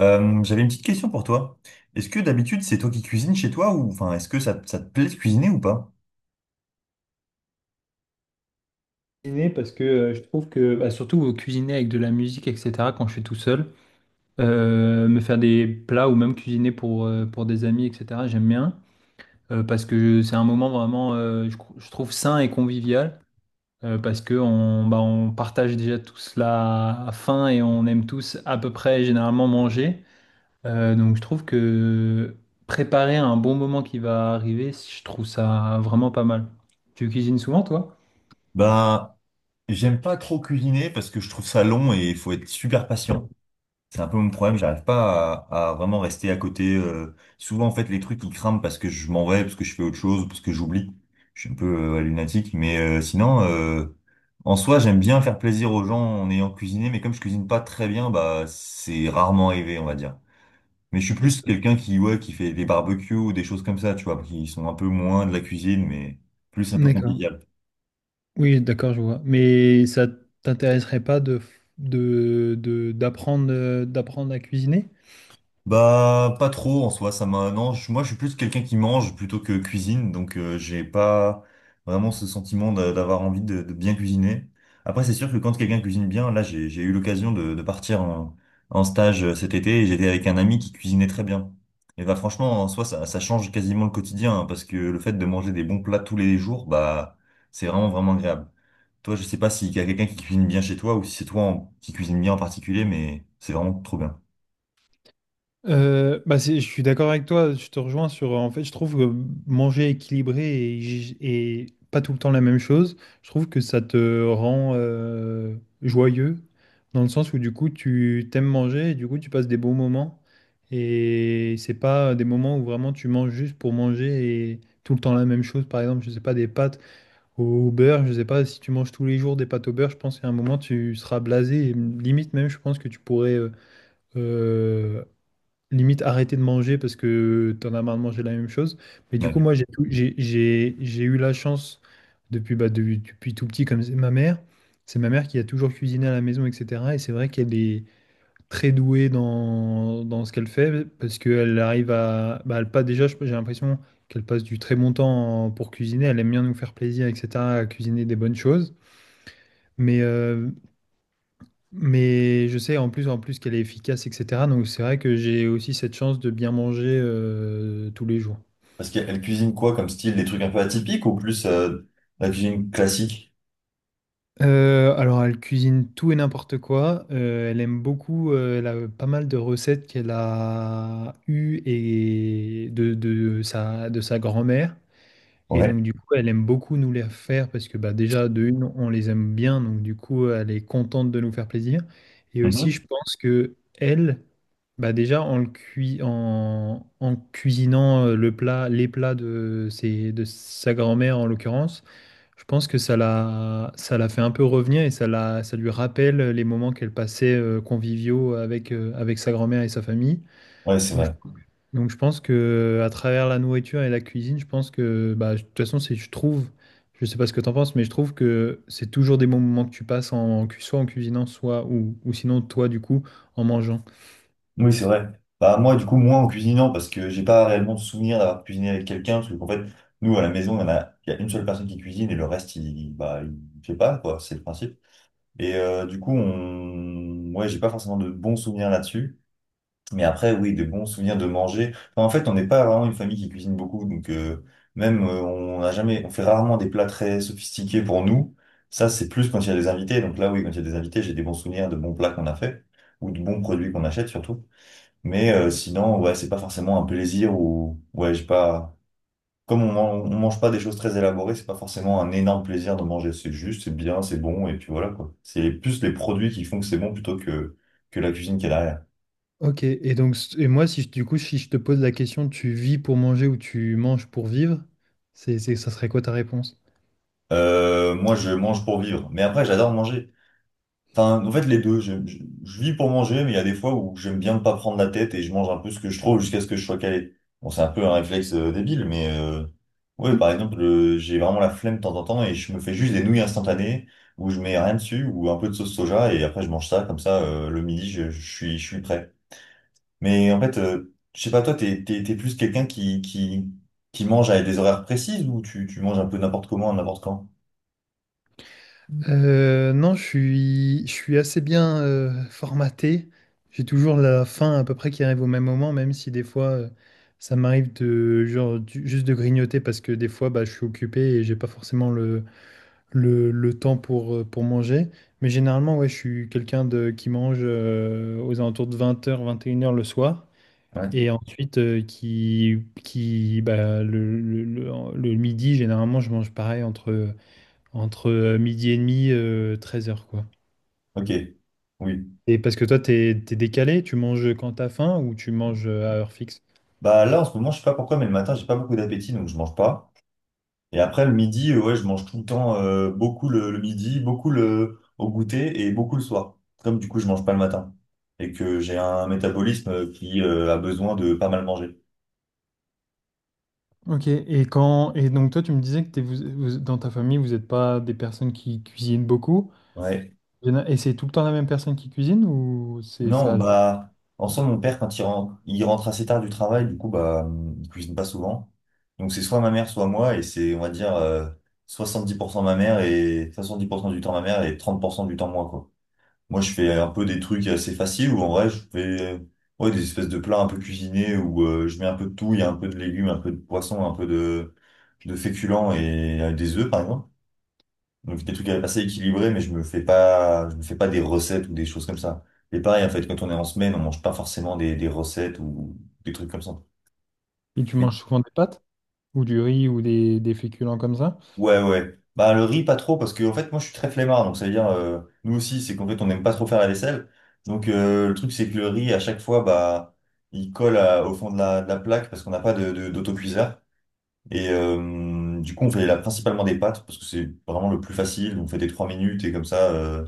J'avais une petite question pour toi. Est-ce que d'habitude c'est toi qui cuisines chez toi ou enfin est-ce que ça te plaît de cuisiner ou pas? Cuisiner parce que je trouve que surtout cuisiner avec de la musique etc quand je suis tout seul, me faire des plats ou même cuisiner pour des amis etc j'aime bien, parce que c'est un moment vraiment je trouve sain et convivial, parce que on on partage déjà tous la faim et on aime tous à peu près généralement manger. Donc je trouve que préparer un bon moment qui va arriver, je trouve ça vraiment pas mal. Tu cuisines souvent toi? Ben j'aime pas trop cuisiner parce que je trouve ça long et il faut être super patient. C'est un peu mon problème, j'arrive pas à vraiment rester à côté. Souvent en fait les trucs ils crament parce que je m'en vais, parce que je fais autre chose, parce que j'oublie. Je suis un peu ouais, lunatique, mais sinon en soi j'aime bien faire plaisir aux gens en ayant cuisiné, mais comme je cuisine pas très bien, bah c'est rarement arrivé on va dire. Mais je suis Et plus ça- quelqu'un qui, ouais, qui fait des barbecues ou des choses comme ça, tu vois, qui sont un peu moins de la cuisine, mais plus un peu D'accord. convivial. Oui, d'accord, je vois. Mais ça t'intéresserait pas d'apprendre, d'apprendre à cuisiner? Bah, pas trop en soi, ça m'a. Non, moi je suis plus quelqu'un qui mange plutôt que cuisine, donc j'ai pas vraiment ce sentiment d'avoir envie de bien cuisiner. Après, c'est sûr que quand quelqu'un cuisine bien, là j'ai eu l'occasion de partir en stage cet été et j'étais avec un ami qui cuisinait très bien. Et bah, franchement, en soi, ça change quasiment le quotidien, hein, parce que le fait de manger des bons plats tous les jours, bah, c'est vraiment agréable. Toi, je sais pas s'il y a quelqu'un qui cuisine bien chez toi ou si c'est qui cuisine bien en particulier, mais c'est vraiment trop bien. Je suis d'accord avec toi, je te rejoins sur... En fait, je trouve que manger équilibré et pas tout le temps la même chose, je trouve que ça te rend joyeux, dans le sens où du coup, tu t'aimes manger et du coup, tu passes des bons moments. Et c'est pas des moments où vraiment tu manges juste pour manger et tout le temps la même chose. Par exemple, je sais pas, des pâtes. Au beurre, je sais pas, si tu manges tous les jours des pâtes au beurre, je pense qu'à un moment tu seras blasé. Et limite même, je pense que tu pourrais euh, limite arrêter de manger parce que t'en as marre de manger la même chose. Mais du coup, Ouais. moi, j'ai tout- j'ai eu la chance depuis, depuis tout petit, comme c'est ma mère. C'est ma mère qui a toujours cuisiné à la maison, etc. Et c'est vrai qu'elle est très douée dans ce qu'elle fait parce qu'elle arrive à. Bah, elle passe, déjà, j'ai l'impression qu'elle passe du très bon temps pour cuisiner. Elle aime bien nous faire plaisir, etc., à cuisiner des bonnes choses. Mais, euh, mais je sais en plus qu'elle est efficace, etc. Donc c'est vrai que j'ai aussi cette chance de bien manger tous les jours. Parce qu'elle cuisine quoi comme style? Des trucs un peu atypiques ou plus la cuisine classique? Alors, elle cuisine tout et n'importe quoi. Elle aime beaucoup. Elle a pas mal de recettes qu'elle a eues et de sa grand-mère. Et Ouais. donc, du coup, elle aime beaucoup nous les faire parce que déjà, de une, on les aime bien. Donc, du coup, elle est contente de nous faire plaisir. Et aussi, Mhm. je pense que elle, bah, déjà, en, le cui- en, en cuisinant les plats de sa grand-mère, en l'occurrence, je pense que ça l'a fait un peu revenir et ça lui rappelle les moments qu'elle passait conviviaux avec, avec sa grand-mère et sa famille. Ouais, c'est Donc je, vrai. donc je pense que à travers la nourriture et la cuisine, je pense que de toute façon, je trouve, je sais pas ce que t'en penses, mais je trouve que c'est toujours des bons moments que tu passes soit en cuisinant, ou sinon toi du coup en mangeant. Oui, c'est vrai. Bah moi, du coup, moi en cuisinant, parce que j'ai pas réellement de souvenir d'avoir cuisiné avec quelqu'un, parce que en fait, nous à la maison, il y a une seule personne qui cuisine et le reste, bah, il fait pas, quoi, c'est le principe. Et du coup, on... ouais, j'ai pas forcément de bons souvenirs là-dessus. Mais après, oui, des bons souvenirs de manger. Enfin, en fait, on n'est pas vraiment une famille qui cuisine beaucoup, donc même on n'a jamais, on fait rarement des plats très sophistiqués pour nous. Ça, c'est plus quand il y a des invités. Donc là, oui, quand il y a des invités, j'ai des bons souvenirs de bons plats qu'on a fait ou de bons produits qu'on achète surtout. Mais sinon, ouais, c'est pas forcément un plaisir ou ouais, j'ai pas. Comme on, man- on mange pas des choses très élaborées, c'est pas forcément un énorme plaisir de manger. C'est juste, c'est bien, c'est bon, et puis voilà quoi. C'est plus les produits qui font que c'est bon plutôt que la cuisine qui est derrière. Ok, et moi si je te pose la question, tu vis pour manger ou tu manges pour vivre, ça serait quoi ta réponse? Moi, je mange pour vivre. Mais après, j'adore manger. Enfin, en fait, les deux. Je vis pour manger, mais il y a des fois où j'aime bien ne pas prendre la tête et je mange un peu ce que je trouve jusqu'à ce que je sois calé. Bon, c'est un peu un réflexe débile, mais ouais, par exemple, j'ai vraiment la flemme de temps en temps et je me fais juste des nouilles instantanées où je mets rien dessus ou un peu de sauce soja et après je mange ça comme ça le midi, je suis prêt. Mais en fait, je sais pas, toi, t'es plus quelqu'un qui mange à des horaires précises ou tu manges un peu n'importe comment, n'importe quand? Non, je suis, Je suis assez bien formaté. J'ai toujours la fin à peu près qui arrive au même moment, même si des fois ça m'arrive de juste de grignoter parce que des fois je suis occupé et j'ai pas forcément le temps pour manger. Mais généralement, ouais, je suis quelqu'un de qui mange aux alentours de 20h, 21h le soir. Ouais. Et ensuite, qui, bah, le midi, généralement, je mange pareil entre midi et demi, 13h, quoi. Ok. Oui. Et parce que toi, t'es décalé, tu manges quand t'as faim ou tu manges à heure fixe? Bah là, en ce moment, je sais pas pourquoi, mais le matin, j'ai pas beaucoup d'appétit, donc je mange pas. Et après, le midi, ouais, je mange tout le temps beaucoup le midi, au goûter et beaucoup le soir. Comme du coup, je mange pas le matin et que j'ai un métabolisme qui a besoin de pas mal manger. Ok, et donc toi tu me disais que dans ta famille vous n'êtes pas des personnes qui cuisinent beaucoup. Ouais. Il y en a- et C'est tout le temps la même personne qui cuisine ou c'est Non, ça alterne? bah, en soi, mon père, quand il rentre assez tard du travail, du coup, bah, il cuisine pas souvent. Donc, c'est soit ma mère, soit moi, et c'est, on va dire, 70% ma mère et 70% du temps ma mère et 30% du temps moi, quoi. Moi, je fais un peu des trucs assez faciles où en vrai, je fais ouais, des espèces de plats un peu cuisinés où je mets un peu de tout, il y a un peu de légumes, un peu de poisson, un peu de féculents et des œufs, par exemple. Donc, des trucs assez équilibrés, mais je me fais pas des recettes ou des choses comme ça. Et pareil, en fait, quand on est en semaine, on mange pas forcément des recettes ou des trucs comme ça. Et tu manges souvent des pâtes ou du riz ou des féculents comme ça? Ouais, ouais. Bah, le riz, pas trop, parce que, en fait, moi, je suis très flemmard. Donc, ça veut dire, nous aussi, c'est qu'en fait, on n'aime pas trop faire la vaisselle. Donc, le truc, c'est que le riz, à chaque fois, bah, au fond de la plaque parce qu'on n'a pas d'autocuiseur. Et du coup, on fait là, principalement des pâtes parce que c'est vraiment le plus facile. On fait des trois minutes et comme ça.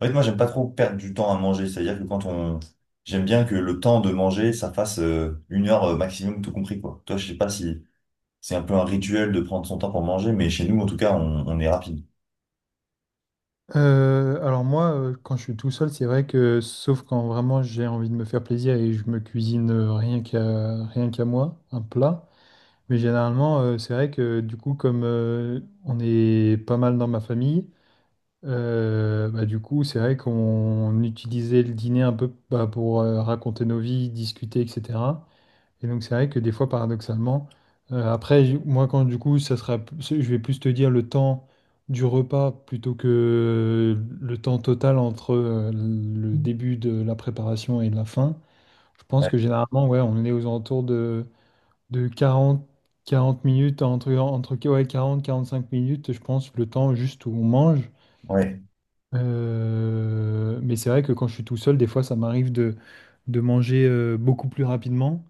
En fait, moi, j'aime pas trop perdre du temps à manger. C'est-à-dire que quand on. J'aime bien que le temps de manger, ça fasse une heure maximum, tout compris, quoi. Toi, je sais pas si. C'est un peu un rituel de prendre son temps pour manger, mais chez nous, en tout cas, on est rapide. Alors moi quand je suis tout seul c'est vrai que sauf quand vraiment j'ai envie de me faire plaisir et je me cuisine rien qu'à rien qu'à moi un plat. Mais généralement, c'est vrai que du coup, comme on est pas mal dans ma famille, du coup, c'est vrai qu'on utilisait le dîner un peu pour raconter nos vies, discuter, etc. Et donc, c'est vrai que des fois, paradoxalement, moi, quand du coup, je vais plus te dire le temps du repas plutôt que le temps total entre le début de la préparation et la fin. Je pense Ouais. que généralement, ouais, on est aux alentours de 40 minutes, entre ouais, 45 minutes, je pense, le temps juste où on mange. Ouais. Mais c'est vrai que quand je suis tout seul, des fois, ça m'arrive de manger beaucoup plus rapidement,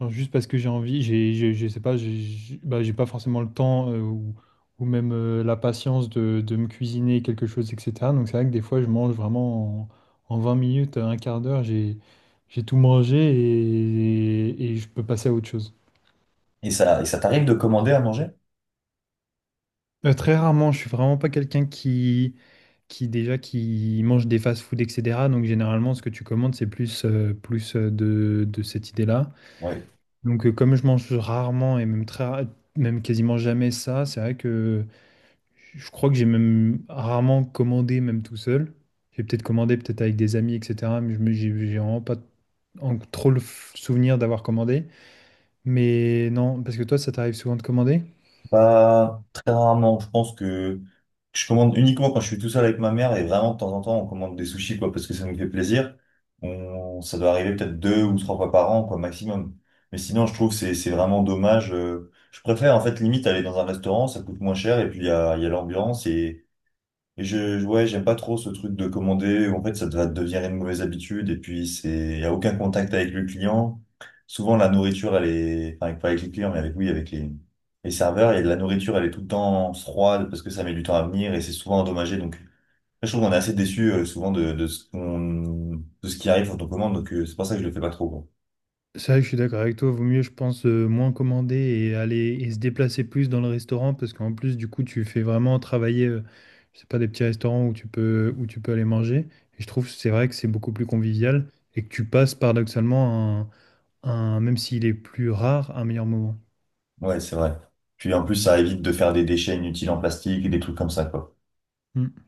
genre juste parce que j'ai envie, je sais pas, j'ai pas forcément le temps ou même la patience de me cuisiner quelque chose, etc. Donc c'est vrai que des fois, je mange vraiment en 20 minutes, un quart d'heure, j'ai tout mangé et je peux passer à autre chose. Et ça t'arrive de commander à manger? Très rarement, je suis vraiment pas quelqu'un qui déjà qui mange des fast-food, etc. Donc généralement, ce que tu commandes, c'est plus, de cette idée-là. Ouais. Donc comme je mange rarement et même même quasiment jamais ça, c'est vrai que je crois que j'ai même rarement commandé même tout seul. J'ai peut-être commandé peut-être avec des amis, etc. Mais je me, j'ai vraiment pas souvenir d'avoir commandé. Mais non, parce que toi, ça t'arrive souvent de commander? Pas très rarement. Je pense que je commande uniquement quand je suis tout seul avec ma mère et vraiment de temps en temps, on commande des sushis, quoi, parce que ça nous fait plaisir. Ça doit arriver peut-être deux ou trois fois par an, quoi, maximum. Mais sinon, je trouve que c'est vraiment dommage. Je préfère, en fait, limite aller dans un restaurant, ça coûte moins cher et puis il y a l'ambiance et ouais, j'aime pas trop ce truc de commander où en fait ça va devenir une mauvaise habitude et puis c'est, y a aucun contact avec le client. Souvent la nourriture elle est, enfin pas avec les clients mais avec, oui, avec les serveurs et la nourriture elle est tout le temps froide parce que ça met du temps à venir et c'est souvent endommagé donc je trouve qu'on est assez déçu souvent de ce de ce qui arrive quand on commande donc c'est pour ça que je le fais pas trop. Quoi. C'est vrai que je suis d'accord avec toi, vaut mieux, je pense, moins commander et aller et se déplacer plus dans le restaurant parce qu'en plus, du coup, tu fais vraiment travailler, je sais pas, des petits restaurants où tu peux aller manger. Et je trouve, c'est vrai que c'est beaucoup plus convivial et que tu passes paradoxalement même s'il est plus rare, un meilleur moment. Ouais, c'est vrai. Puis en plus ça évite de faire des déchets inutiles en plastique et des trucs comme ça quoi. Hmm.